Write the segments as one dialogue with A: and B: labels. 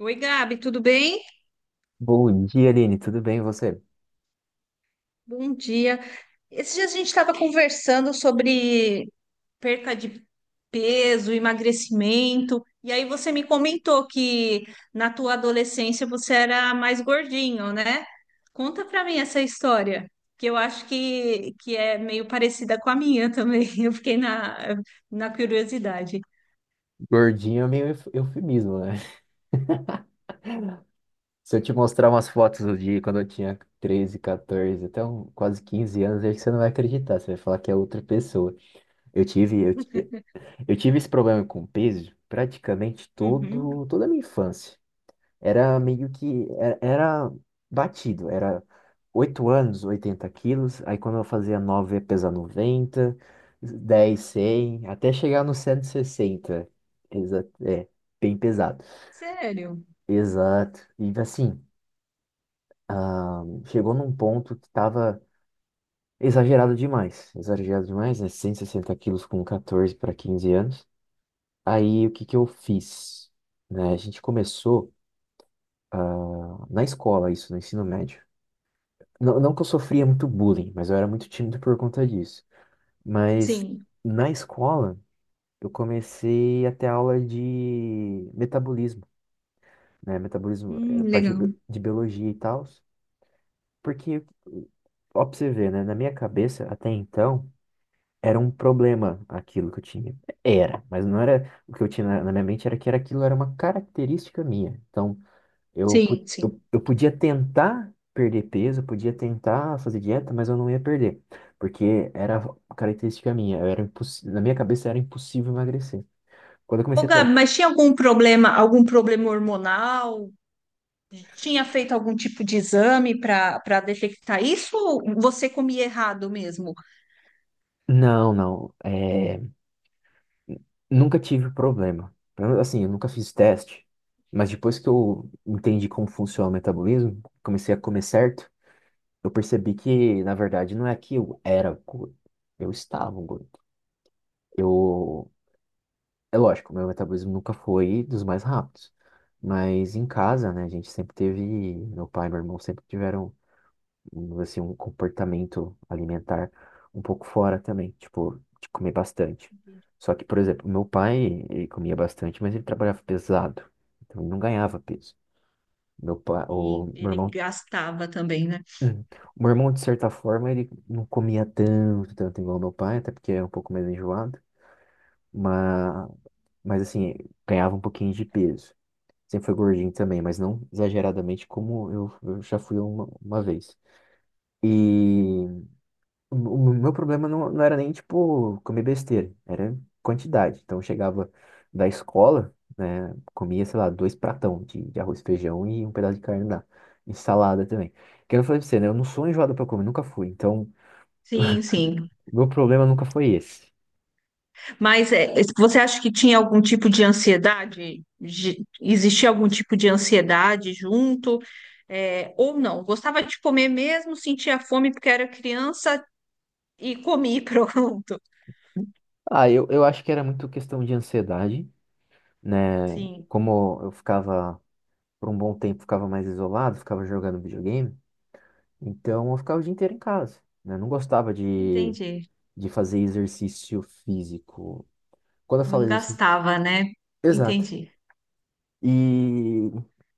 A: Oi, Gabi, tudo bem?
B: Bom dia, Aline. Tudo bem, e você?
A: Bom dia. Esses dias a gente estava conversando sobre perca de peso, emagrecimento, e aí você me comentou que na tua adolescência você era mais gordinho, né? Conta pra mim essa história, que eu acho que é meio parecida com a minha também. Eu fiquei na curiosidade.
B: Gordinho é meio eufemismo, né? Se eu te mostrar umas fotos do dia quando eu tinha 13, 14, até quase 15 anos, acho que você não vai acreditar. Você vai falar que é outra pessoa. Eu tive, eu, ti- eu tive esse problema com peso praticamente
A: Uhum.
B: toda a minha infância. Era meio que. Era batido. Era 8 anos, 80 quilos. Aí quando eu fazia 9 ia pesar 90, 10, 100, até chegar no 160. Exato. É, bem pesado.
A: Sério?
B: Exato. E assim, ah, chegou num ponto que tava exagerado demais. Exagerado demais, né? 160 quilos com 14 para 15 anos. Aí o que que eu fiz? Né, a gente começou na escola, isso, no ensino médio. Não, não que eu sofria muito bullying, mas eu era muito tímido por conta disso. Mas
A: Sim.
B: na escola, eu comecei a ter aula de metabolismo, né? Metabolismo era parte
A: Legal.
B: de biologia e tal. Porque, ó, pra você ver, né? Na minha cabeça, até então, era um problema aquilo que eu tinha. Era, mas não era o que eu tinha na minha mente, era que era aquilo era uma característica minha. Então, Eu, po-
A: Sim, sim.
B: eu, eu podia tentar perder peso, eu podia tentar fazer dieta, mas eu não ia perder, porque era uma característica minha, eu era na minha cabeça era impossível emagrecer. Quando eu
A: Ô,
B: comecei a tra-
A: Gabi, mas tinha algum problema hormonal? Tinha feito algum tipo de exame para detectar isso ou você comia errado mesmo?
B: Não, não, nunca tive problema. Assim, eu nunca fiz teste, mas depois que eu entendi como funciona o metabolismo, comecei a comer certo, eu percebi que, na verdade, não é que eu era gordo, eu estava gordo. Eu É lógico, meu metabolismo nunca foi dos mais rápidos. Mas em casa, né, a gente sempre teve, meu pai e meu irmão sempre tiveram, assim, um comportamento alimentar um pouco fora também, tipo, de comer bastante. Só que, por exemplo, meu pai, ele comia bastante, mas ele trabalhava pesado, então ele não ganhava peso. Meu pai,
A: Sim,
B: o meu
A: ele
B: irmão,
A: gastava também, né?
B: Hum. O meu irmão, de certa forma, ele não comia tanto igual meu pai, até porque é um pouco mais enjoado, mas, mas assim, ganhava um pouquinho de peso. Sempre foi gordinho também, mas não exageradamente como eu já fui uma vez. E o meu problema não, não era nem, tipo, comer besteira, era quantidade. Então eu chegava da escola, né, comia, sei lá, dois pratão de arroz, feijão e um pedaço de carne lá. E salada também. Que eu falei pra você, né, eu não sou enjoado pra comer, nunca fui. Então,
A: Sim, sim.
B: o meu problema nunca foi esse.
A: Mas é, você acha que tinha algum tipo de ansiedade? Existia algum tipo de ansiedade junto? É, ou não? Gostava de comer mesmo, sentia fome porque era criança e comi, pronto.
B: Ah, eu acho que era muito questão de ansiedade, né?
A: Sim,
B: Como eu ficava por um bom tempo ficava mais isolado, ficava jogando videogame, então eu ficava o dia inteiro em casa, né? Não gostava de,
A: entendi.
B: de fazer exercício físico. Quando eu falo
A: Não
B: exercício,
A: gastava, né?
B: exato.
A: Entendi.
B: E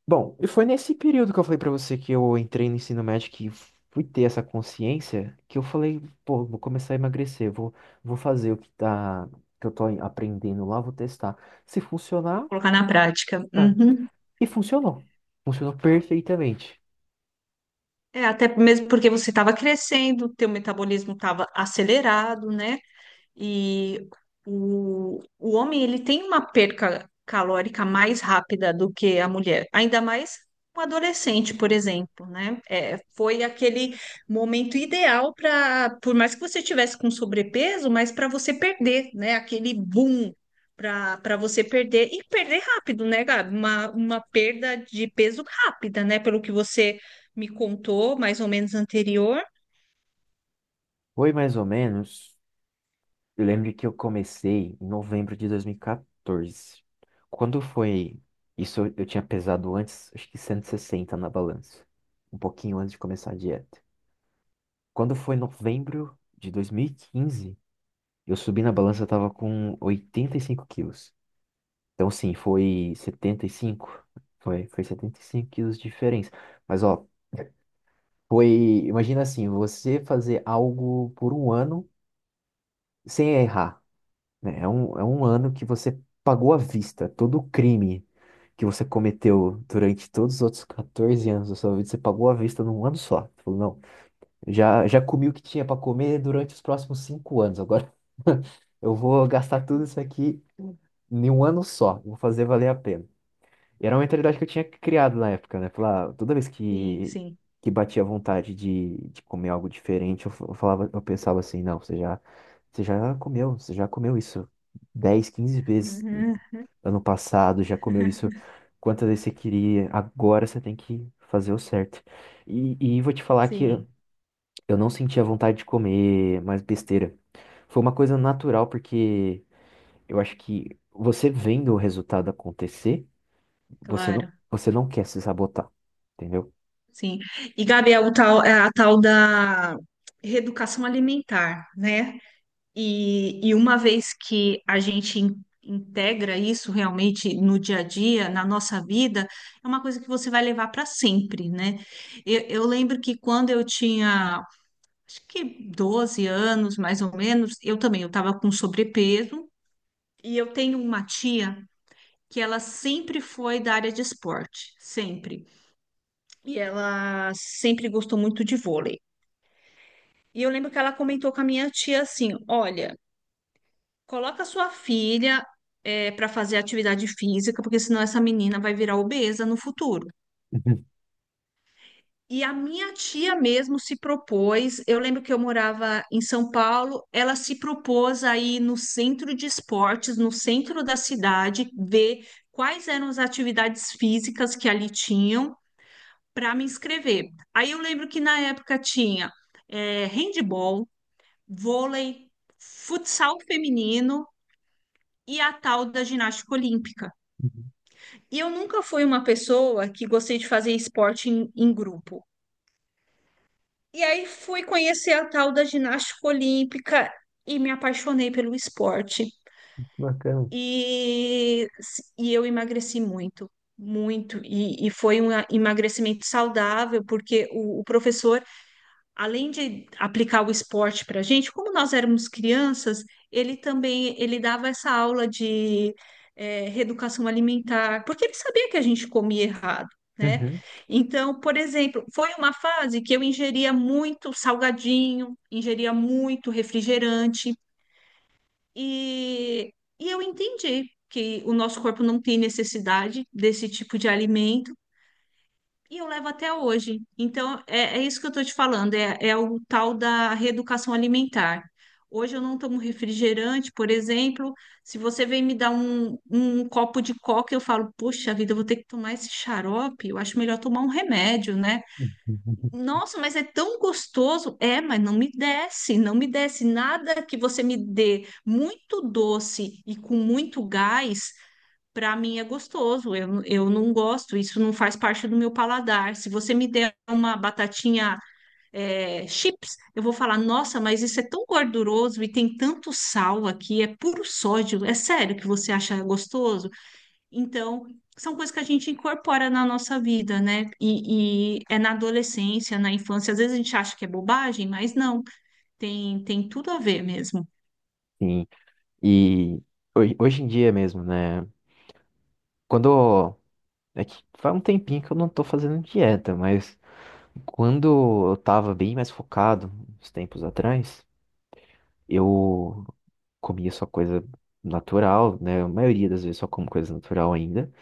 B: bom, e foi nesse período que eu falei pra você que eu entrei no ensino médio que fui ter essa consciência que eu falei, pô, vou começar a emagrecer, vou fazer o que tá que eu tô aprendendo lá, vou testar. Se
A: Vou
B: funcionar,
A: colocar na prática.
B: é.
A: Uhum.
B: E funcionou. Funcionou perfeitamente.
A: É, até mesmo porque você estava crescendo, teu metabolismo estava acelerado, né? E o homem ele tem uma perca calórica mais rápida do que a mulher, ainda mais um adolescente, por exemplo, né? É, foi aquele momento ideal para, por mais que você tivesse com sobrepeso, mas para você perder, né? Aquele boom para você perder e perder rápido, né, Gabi? Uma perda de peso rápida, né? Pelo que você me contou, mais ou menos anterior.
B: Foi mais ou menos. Eu lembro que eu comecei em novembro de 2014. Quando foi isso, eu tinha pesado antes, acho que 160 na balança, um pouquinho antes de começar a dieta. Quando foi novembro de 2015, eu subi na balança, eu tava com 85 quilos. Então, sim, foi 75, foi 75 quilos de diferença. Mas, ó, foi, imagina assim, você fazer algo por um ano sem errar. Né? É um
A: Sim,
B: ano que você pagou à vista todo o crime que você cometeu durante todos os outros 14 anos da sua vida, você pagou à vista num ano só. Você falou, não, já comi o que tinha para comer durante os próximos 5 anos, agora eu vou gastar tudo isso aqui em um ano só, vou fazer valer a pena. E era uma mentalidade que eu tinha criado na época, né? Falar, toda vez
A: sim,
B: que,
A: sim.
B: que batia vontade de comer algo diferente, eu falava, eu pensava assim, não, você já comeu isso 10, 15 vezes
A: Uhum,
B: ano passado, já comeu isso quantas vezes você queria, agora você tem que fazer o certo. E vou te falar que
A: sim.
B: eu não sentia vontade de comer mais besteira. Foi uma coisa natural, porque eu acho que você vendo o resultado acontecer, você não,
A: Claro,
B: você não quer se sabotar, entendeu?
A: sim. E, Gabi, é o tal, é a tal da reeducação alimentar, né? E uma vez que a gente integra isso realmente no dia a dia, na nossa vida, é uma coisa que você vai levar para sempre, né? Eu lembro que quando eu tinha, acho que 12 anos, mais ou menos, eu também, eu estava com sobrepeso, e eu tenho uma tia que ela sempre foi da área de esporte, sempre. E ela sempre gostou muito de vôlei. E eu lembro que ela comentou com a minha tia assim: olha, coloca sua filha para fazer atividade física, porque senão essa menina vai virar obesa no futuro. E a minha tia mesmo se propôs. Eu lembro que eu morava em São Paulo, ela se propôs aí no centro de esportes, no centro da cidade, ver quais eram as atividades físicas que ali tinham para me inscrever. Aí eu lembro que na época tinha handball, vôlei, futsal feminino e a tal da ginástica olímpica.
B: Uhum, uhum.
A: E eu nunca fui uma pessoa que gostei de fazer esporte em grupo. E aí fui conhecer a tal da ginástica olímpica e me apaixonei pelo esporte.
B: Bacana.
A: E, e eu emagreci muito, muito. E foi um emagrecimento saudável, porque o professor além de aplicar o esporte para a gente, como nós éramos crianças, ele também ele dava essa aula de reeducação alimentar, porque ele sabia que a gente comia errado, né?
B: Uhum.
A: Então, por exemplo, foi uma fase que eu ingeria muito salgadinho, ingeria muito refrigerante, e, e eu entendi que o nosso corpo não tem necessidade desse tipo de alimento. E eu levo até hoje. Então, é, é isso que eu estou te falando, é, é o tal da reeducação alimentar. Hoje eu não tomo refrigerante, por exemplo. Se você vem me dar um copo de coca, eu falo, poxa vida, eu vou ter que tomar esse xarope. Eu acho melhor tomar um remédio, né?
B: Uhum.
A: Nossa, mas é tão gostoso. É, mas não me desce, não me desce. Nada que você me dê muito doce e com muito gás para mim é gostoso, eu não gosto, isso não faz parte do meu paladar. Se você me der uma batatinha é, chips, eu vou falar: nossa, mas isso é tão gorduroso e tem tanto sal aqui, é puro sódio, é sério que você acha gostoso? Então, são coisas que a gente incorpora na nossa vida, né? E é na adolescência, na infância, às vezes a gente acha que é bobagem, mas não, tem, tem tudo a ver mesmo.
B: Sim. E hoje, hoje em dia mesmo, né? Quando. É que faz um tempinho que eu não tô fazendo dieta, mas quando eu tava bem mais focado, uns tempos atrás, eu comia só coisa natural, né? A maioria das vezes só como coisa natural ainda,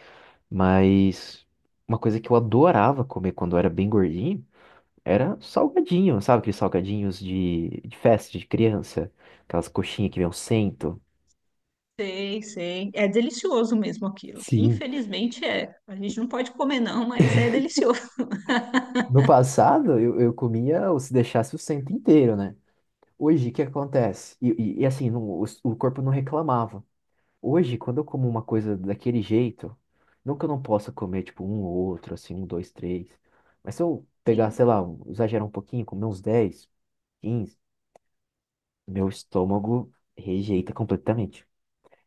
B: mas uma coisa que eu adorava comer quando eu era bem gordinho. Era salgadinho, sabe aqueles salgadinhos de festa de criança? Aquelas coxinhas que vem o cento.
A: Sei, sei. É delicioso mesmo aquilo.
B: Sim.
A: Infelizmente é. A gente não pode comer, não, mas é delicioso.
B: No passado, eu comia ou se deixasse o cento inteiro, né? Hoje, o que acontece? E assim, o corpo não reclamava. Hoje, quando eu como uma coisa daquele jeito, não que eu não possa comer, tipo, um ou outro, assim, um, dois, três. Mas se eu pegar,
A: Sim,
B: sei lá, exagerar um pouquinho, comer uns 10, 15, meu estômago rejeita completamente.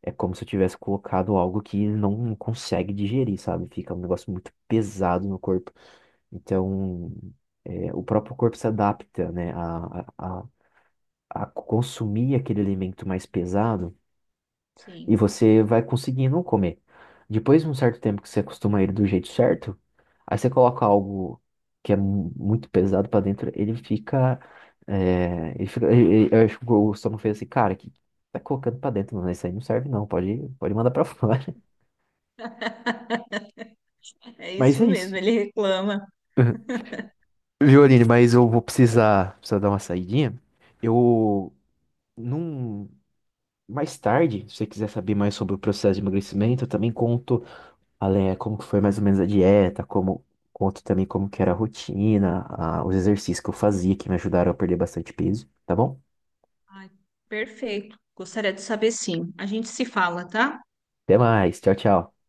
B: É como se eu tivesse colocado algo que ele não consegue digerir, sabe? Fica um negócio muito pesado no corpo. Então, é, o próprio corpo se adapta, né, a consumir aquele alimento mais pesado e
A: sim.
B: você vai conseguindo comer. Depois de um certo tempo que você acostuma ele do jeito certo, aí você coloca algo que é muito pesado pra dentro, ele fica, eu acho que o estômago fez assim, cara, que tá colocando pra dentro, mano, isso aí não serve não, pode mandar pra fora.
A: É
B: Mas
A: isso
B: é
A: mesmo,
B: isso.
A: ele reclama.
B: Uhum. Viu, Aline? Mas eu vou precisar dar uma saidinha. Eu, num, mais tarde, se você quiser saber mais sobre o processo de emagrecimento, eu também conto além como que foi mais ou menos a dieta, como conto também como que era a rotina, os exercícios que eu fazia que me ajudaram a perder bastante peso, tá bom?
A: Ai, perfeito. Gostaria de saber sim. A gente se fala, tá?
B: Até mais, tchau, tchau.